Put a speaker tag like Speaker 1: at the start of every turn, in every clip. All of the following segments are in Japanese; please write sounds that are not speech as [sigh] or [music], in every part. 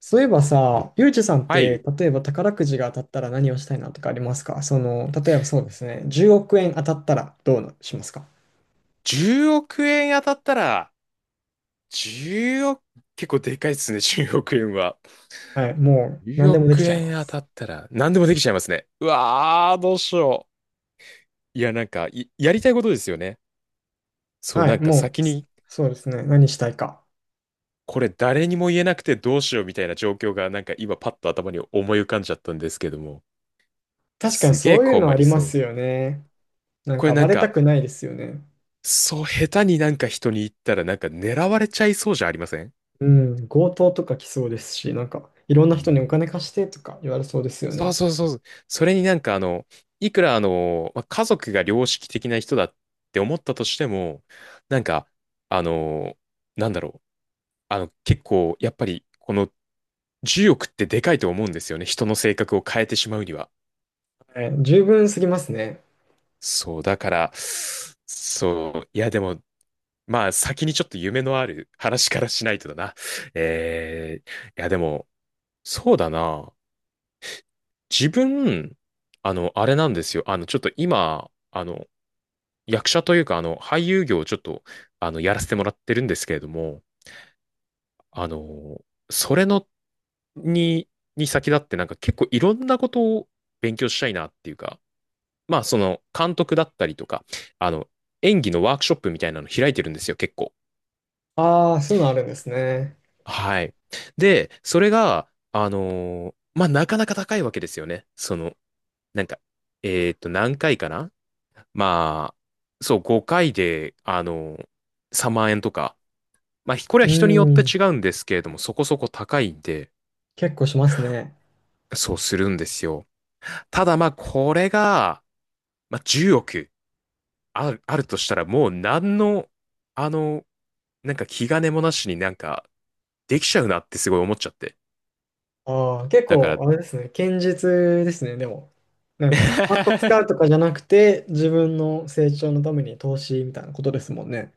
Speaker 1: そういえばさ、ゆうじさんっ
Speaker 2: は
Speaker 1: て、
Speaker 2: い。
Speaker 1: 例えば宝くじが当たったら何をしたいなとかありますか？例えばそうですね、10億円当たったらどうしますか？
Speaker 2: 10億円当たったら、10億、結構でかいですね、[laughs] 10億円は。
Speaker 1: はい、もう何
Speaker 2: 10
Speaker 1: でもでき
Speaker 2: 億
Speaker 1: ちゃいま
Speaker 2: 円当た
Speaker 1: す。
Speaker 2: ったら、何でもできちゃいますね。うわー、どうしよう。いや、なんか、いやりたいことですよね。そう、
Speaker 1: は
Speaker 2: な
Speaker 1: い、
Speaker 2: んか
Speaker 1: も
Speaker 2: 先
Speaker 1: う、そ
Speaker 2: に、
Speaker 1: そうですね、何したいか。
Speaker 2: これ誰にも言えなくてどうしようみたいな状況が、なんか今パッと頭に思い浮かんじゃったんですけども、
Speaker 1: 確かに
Speaker 2: すげえ
Speaker 1: そういうの
Speaker 2: 困
Speaker 1: あ
Speaker 2: り
Speaker 1: りま
Speaker 2: そう。
Speaker 1: すよね。なん
Speaker 2: これ
Speaker 1: か
Speaker 2: な
Speaker 1: バ
Speaker 2: ん
Speaker 1: レた
Speaker 2: か、
Speaker 1: くないですよね。
Speaker 2: そう、下手になんか人に言ったら、なんか狙われちゃいそうじゃありません？
Speaker 1: うん、強盗とか来そうですし、なんかいろんな
Speaker 2: う
Speaker 1: 人にお
Speaker 2: ん。
Speaker 1: 金貸してとか言われそうですよ
Speaker 2: そう
Speaker 1: ね。
Speaker 2: そうそうそう。それになんかいくらまあ家族が良識的な人だって思ったとしても、なんか、あの、なんだろう。結構、やっぱり、この10億ってでかいと思うんですよね。人の性格を変えてしまうには。
Speaker 1: はい、十分すぎますね。
Speaker 2: そう、だから、そう、いやでも、まあ先にちょっと夢のある話からしないとだな。えー、いやでも、そうだな。自分、あれなんですよ。ちょっと今、役者というか、俳優業をちょっと、やらせてもらってるんですけれども、あの、それの、に、に先立ってなんか結構いろんなことを勉強したいなっていうか、まあその監督だったりとか、あの、演技のワークショップみたいなの開いてるんですよ、結構。
Speaker 1: ああ、そういうのあるんですね。
Speaker 2: はい。で、それが、まあなかなか高いわけですよね。その、なんか、何回かな、まあ、そう、5回で、3万円とか、まあ、これは
Speaker 1: う
Speaker 2: 人によって違
Speaker 1: ん、
Speaker 2: うんですけれども、そこそこ高いんで、
Speaker 1: 結構しますね。
Speaker 2: そうするんですよ。ただまあ、これが、まあ、10億あるとしたら、もう何の、あの、なんか気兼ねもなしになんか、できちゃうなってすごい思っちゃって。
Speaker 1: ああ、結
Speaker 2: だか
Speaker 1: 構、
Speaker 2: ら、
Speaker 1: あれですね、堅実ですね、でも。なんか、パッと使うと
Speaker 2: [laughs]
Speaker 1: かじゃなくて、自分の成長のために投資みたいなことですもんね。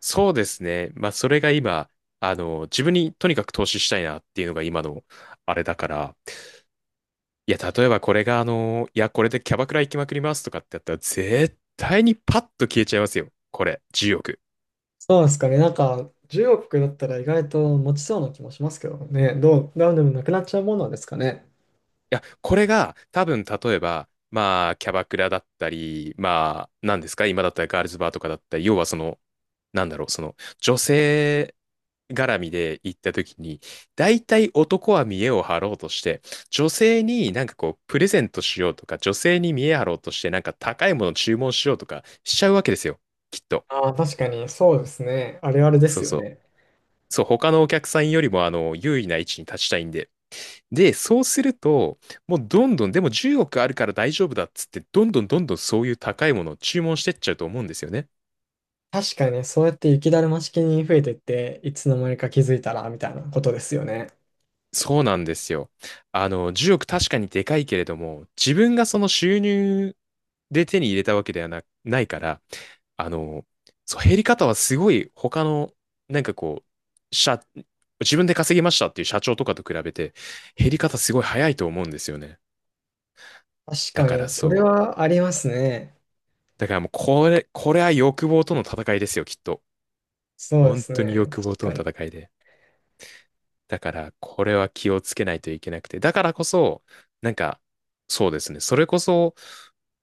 Speaker 2: そうですね。まあ、それが今、自分にとにかく投資したいなっていうのが今の、あれだから、いや、例えばこれがいや、これでキャバクラ行きまくりますとかってやったら、絶対にパッと消えちゃいますよ。これ、10億。い
Speaker 1: そうですかね、なんか、10億だったら意外と持ちそうな気もしますけどね、ダウンでもなくなっちゃうものなんですかね。
Speaker 2: や、これが多分、例えば、まあ、キャバクラだったり、まあ、何ですか、今だったらガールズバーとかだったり、要はその、なんだろう、その、女性絡みで行った時に、大体男は見栄を張ろうとして、女性になんかこう、プレゼントしようとか、女性に見栄張ろうとして、なんか高いもの注文しようとかしちゃうわけですよ。きっと。
Speaker 1: ああ、確かに、そうですね、あれあれで
Speaker 2: そ
Speaker 1: す
Speaker 2: う
Speaker 1: よ
Speaker 2: そう。
Speaker 1: ね。
Speaker 2: そう、他のお客さんよりも、優位な位置に立ちたいんで。で、そうすると、もうどんどん、でも10億あるから大丈夫だっつって、どんどんどんどんそういう高いものを注文してっちゃうと思うんですよね。
Speaker 1: 確かに、そうやって雪だるま式に増えていって、いつの間にか気づいたら、みたいなことですよね。
Speaker 2: そうなんですよ。10億確かにでかいけれども、自分がその収入で手に入れたわけではな、ないから、あの、そう、減り方はすごい他の、なんかこう、自分で稼ぎましたっていう社長とかと比べて、減り方すごい早いと思うんですよね。
Speaker 1: 確
Speaker 2: だ
Speaker 1: か
Speaker 2: から
Speaker 1: に、そ
Speaker 2: そ
Speaker 1: れ
Speaker 2: う、
Speaker 1: はありますね。
Speaker 2: だからもうこれ、これは欲望との戦いですよ、きっと。
Speaker 1: そうで
Speaker 2: 本
Speaker 1: す
Speaker 2: 当に
Speaker 1: ね、
Speaker 2: 欲望
Speaker 1: 確
Speaker 2: と
Speaker 1: か
Speaker 2: の
Speaker 1: に。
Speaker 2: 戦いで。だから、これは気をつけないといけなくて。だからこそ、なんか、そうですね。それこそ、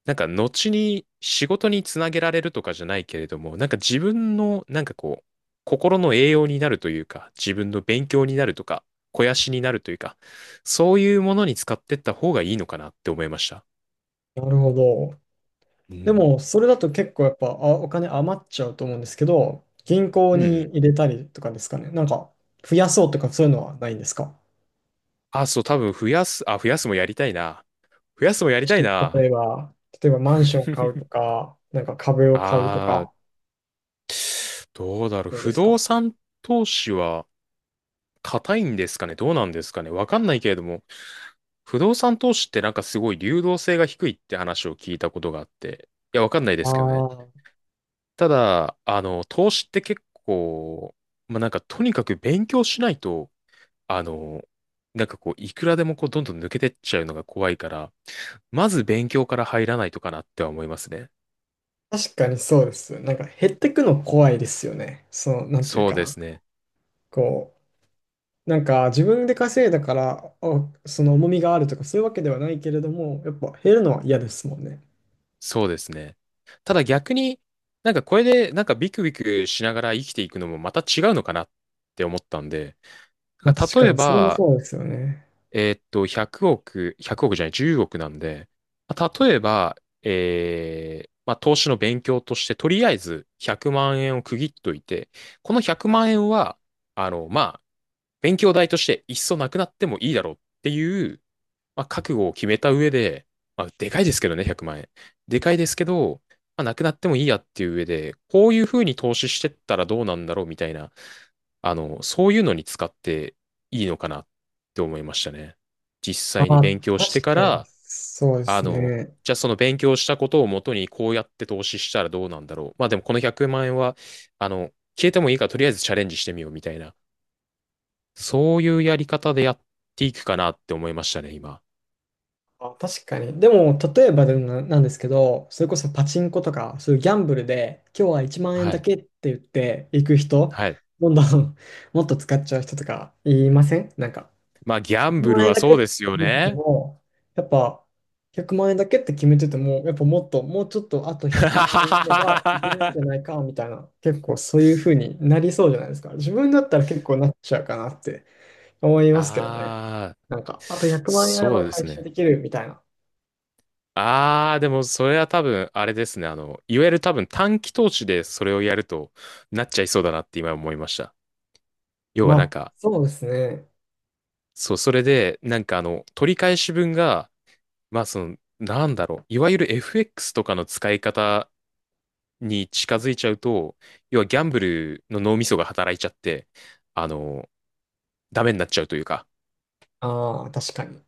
Speaker 2: なんか、後に仕事につなげられるとかじゃないけれども、なんか自分の、なんかこう、心の栄養になるというか、自分の勉強になるとか、肥やしになるというか、そういうものに使ってった方がいいのかなって思いました。
Speaker 1: なるほど。
Speaker 2: う
Speaker 1: で
Speaker 2: ん。
Speaker 1: も、それだと結構やっぱ、お金余っちゃうと思うんですけど、銀行
Speaker 2: う
Speaker 1: に
Speaker 2: ん。
Speaker 1: 入れたりとかですかね。なんか、増やそうとかそういうのはないんですか？
Speaker 2: あ、そう、多分増やす、あ、増やすもやりたいな。増やすもやり
Speaker 1: もし、
Speaker 2: たい
Speaker 1: 例
Speaker 2: な。
Speaker 1: えば、マンション買うと
Speaker 2: [laughs]
Speaker 1: か、なんか株を買うと
Speaker 2: あー、
Speaker 1: か、
Speaker 2: どうだろう。
Speaker 1: どうで
Speaker 2: 不
Speaker 1: す
Speaker 2: 動
Speaker 1: か？
Speaker 2: 産投資は硬いんですかね、どうなんですかね、わかんないけれども、不動産投資ってなんかすごい流動性が低いって話を聞いたことがあって。いや、わかんないで
Speaker 1: あ
Speaker 2: すけどね。
Speaker 1: あ、
Speaker 2: ただ、投資って結構、まあ、なんかとにかく勉強しないと、あの、なんかこう、いくらでもこう、どんどん抜けてっちゃうのが怖いから、まず勉強から入らないとかなっては思いますね。
Speaker 1: 確かにそうです。なんか減ってくの怖いですよね。その、なんていう
Speaker 2: そう
Speaker 1: か
Speaker 2: で
Speaker 1: な。
Speaker 2: すね。
Speaker 1: こう、なんか自分で稼いだから、その重みがあるとかそういうわけではないけれども、やっぱ減るのは嫌ですもんね。
Speaker 2: そうですね。ただ逆になんかこれでなんかビクビクしながら生きていくのもまた違うのかなって思ったんで、
Speaker 1: ま
Speaker 2: だ
Speaker 1: あ
Speaker 2: か
Speaker 1: 確
Speaker 2: ら
Speaker 1: か
Speaker 2: 例え
Speaker 1: に、それも
Speaker 2: ば、
Speaker 1: そうですよね。
Speaker 2: 100億、100億じゃない、10億なんで、まあ例えば、まあ、投資の勉強として、とりあえず100万円を区切っといて、この100万円は、まあ、勉強代としていっそなくなってもいいだろうっていう、まあ、覚悟を決めた上で、まあ、でかいですけどね、100万円。でかいですけど、まあ、なくなってもいいやっていう上で、こういうふうに投資してったらどうなんだろうみたいな、そういうのに使っていいのかなって思いましたね。実
Speaker 1: あ
Speaker 2: 際に
Speaker 1: あ、
Speaker 2: 勉強して
Speaker 1: 確
Speaker 2: か
Speaker 1: かに、
Speaker 2: ら、
Speaker 1: そうで
Speaker 2: あ
Speaker 1: す
Speaker 2: の、
Speaker 1: ね。
Speaker 2: じゃあその勉強したことをもとにこうやって投資したらどうなんだろう。まあでもこの100万円は、あの、消えてもいいからとりあえずチャレンジしてみようみたいな、そういうやり方でやっていくかなって思いましたね、今。
Speaker 1: あ、確かに。でも、例えばでもなんですけど、それこそパチンコとか、そういうギャンブルで、今日は1万円
Speaker 2: は
Speaker 1: だ
Speaker 2: い。
Speaker 1: けって言って行く人、
Speaker 2: はい。
Speaker 1: どんどん [laughs] もっと使っちゃう人とかいません？なんか、
Speaker 2: まあ、ギャン
Speaker 1: 100
Speaker 2: ブル
Speaker 1: 万円
Speaker 2: は
Speaker 1: だけ
Speaker 2: そ
Speaker 1: っ
Speaker 2: う
Speaker 1: て
Speaker 2: ですよ
Speaker 1: 決めてて
Speaker 2: ね。
Speaker 1: も、やっぱ、100万円だけって決めてても、やっぱもっと、もうちょっとあと100万円あればいけるんじゃない
Speaker 2: [laughs]
Speaker 1: か、みたいな、結構そういう風になりそうじゃないですか。自分だったら結構なっちゃうかなって思いますけどね。
Speaker 2: ああ、
Speaker 1: なんか、あと100万円あれ
Speaker 2: そ
Speaker 1: ば
Speaker 2: うです
Speaker 1: 回収
Speaker 2: ね。
Speaker 1: できるみたいな。
Speaker 2: ああ、でもそれは多分、あれですね。いわゆる多分短期投資でそれをやるとなっちゃいそうだなって今思いました。要
Speaker 1: ま
Speaker 2: はなん
Speaker 1: あ、
Speaker 2: か、
Speaker 1: そうですね。
Speaker 2: そう、それで、なんか取り返し分が、まあその、なんだろう、いわゆる FX とかの使い方に近づいちゃうと、要はギャンブルの脳みそが働いちゃって、あの、ダメになっちゃうというか、
Speaker 1: ああ、確かに。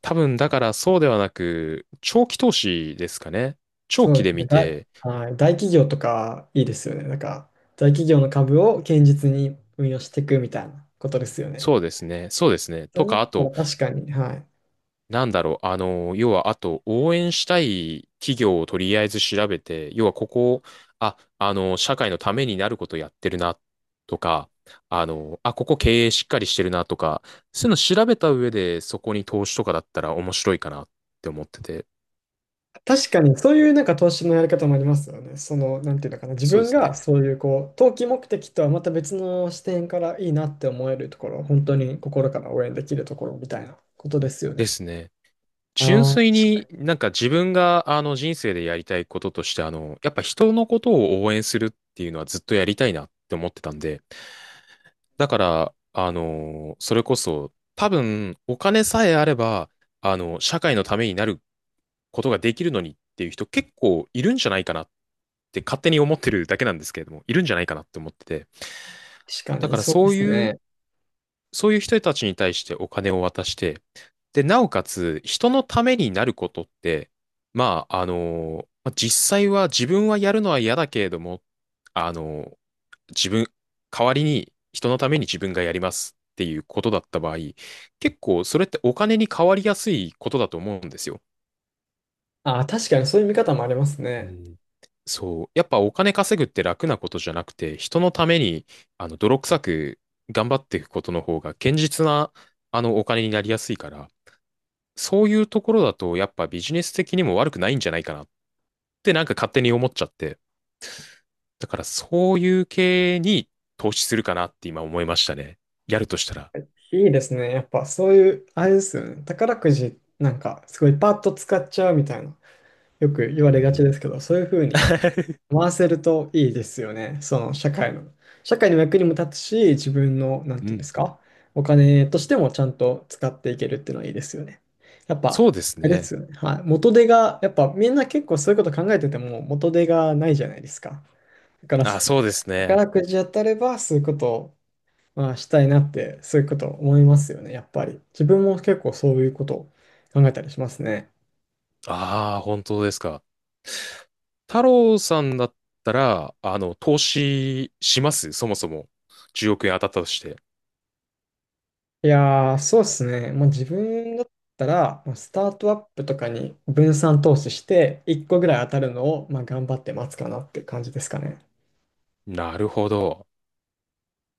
Speaker 2: 多分だからそうではなく、長期投資ですかね。長
Speaker 1: そう
Speaker 2: 期
Speaker 1: で
Speaker 2: で
Speaker 1: すね。
Speaker 2: 見て、
Speaker 1: はい、大企業とかいいですよね。なんか、大企業の株を堅実に運用していくみたいなことですよね。
Speaker 2: そうですね、そうですね。
Speaker 1: そ
Speaker 2: と
Speaker 1: れだ
Speaker 2: か、
Speaker 1: っ
Speaker 2: あ
Speaker 1: たら
Speaker 2: と、
Speaker 1: 確かに、はい。
Speaker 2: なんだろう、要は、あと、応援したい企業をとりあえず調べて、要はここ、あ、社会のためになることやってるな、とか、あ、ここ経営しっかりしてるな、とか、そういうの調べた上で、そこに投資とかだったら面白いかなって思ってて。
Speaker 1: 確かに、そういうなんか投資のやり方もありますよね。その、なんていうのかな。自
Speaker 2: そうで
Speaker 1: 分
Speaker 2: す
Speaker 1: が
Speaker 2: ね。
Speaker 1: そういう、こう、投機目的とはまた別の視点からいいなって思えるところ、本当に心から応援できるところみたいなことですよ
Speaker 2: で
Speaker 1: ね。
Speaker 2: すね。純
Speaker 1: ああ、
Speaker 2: 粋
Speaker 1: 確か
Speaker 2: に
Speaker 1: に。
Speaker 2: なんか自分があの人生でやりたいこととしてやっぱ人のことを応援するっていうのはずっとやりたいなって思ってたんで、だから、それこそ多分お金さえあれば、社会のためになることができるのにっていう人結構いるんじゃないかなって勝手に思ってるだけなんですけれども、いるんじゃないかなって思ってて、
Speaker 1: 確か
Speaker 2: だ
Speaker 1: に、
Speaker 2: から
Speaker 1: そうで
Speaker 2: そう
Speaker 1: す
Speaker 2: い
Speaker 1: ね。
Speaker 2: う、そういう人たちに対してお金を渡して、で、なおかつ、人のためになることって、まあ、まあ実際は自分はやるのは嫌だけれども、あの、自分、代わりに人のために自分がやりますっていうことだった場合、結構それってお金に変わりやすいことだと思うんですよ。
Speaker 1: あ、確かにそういう見方もあります
Speaker 2: う
Speaker 1: ね。
Speaker 2: ん。そう。やっぱお金稼ぐって楽なことじゃなくて、人のために、泥臭く頑張っていくことの方が、堅実な、お金になりやすいから、そういうところだと、やっぱビジネス的にも悪くないんじゃないかなってなんか勝手に思っちゃって。だからそういう系に投資するかなって今思いましたね。やるとしたら。
Speaker 1: いいですね。やっぱそういう、あれですよね。宝くじなんかすごいパッと使っちゃうみたいな、よく言わ
Speaker 2: う
Speaker 1: れがちで
Speaker 2: ん。
Speaker 1: すけど、そういうふうに
Speaker 2: [laughs]
Speaker 1: 回せるといいですよね。その社会の。社会の役にも立つし、自分の、なんて
Speaker 2: う
Speaker 1: いうんで
Speaker 2: ん。
Speaker 1: すか、お金としてもちゃんと使っていけるっていうのはいいですよね。やっ
Speaker 2: そ
Speaker 1: ぱ、
Speaker 2: うです
Speaker 1: あれで
Speaker 2: ね。
Speaker 1: すよね。はい。元手が、やっぱみんな結構そういうこと考えてても元手がないじゃないですか。だから、
Speaker 2: あ、そうですね。
Speaker 1: 宝くじ当たればそういうことを、まあ、したいなって、そういうこと思いますよね、やっぱり。自分も結構そういうことを考えたりしますね。
Speaker 2: ああ、本当ですか。太郎さんだったら、投資しますそもそも。10億円当たったとして。
Speaker 1: いやー、そうですね。もう自分だったら、もうスタートアップとかに分散投資して、1個ぐらい当たるのを、まあ、頑張って待つかなっていう感じですかね。
Speaker 2: なるほど。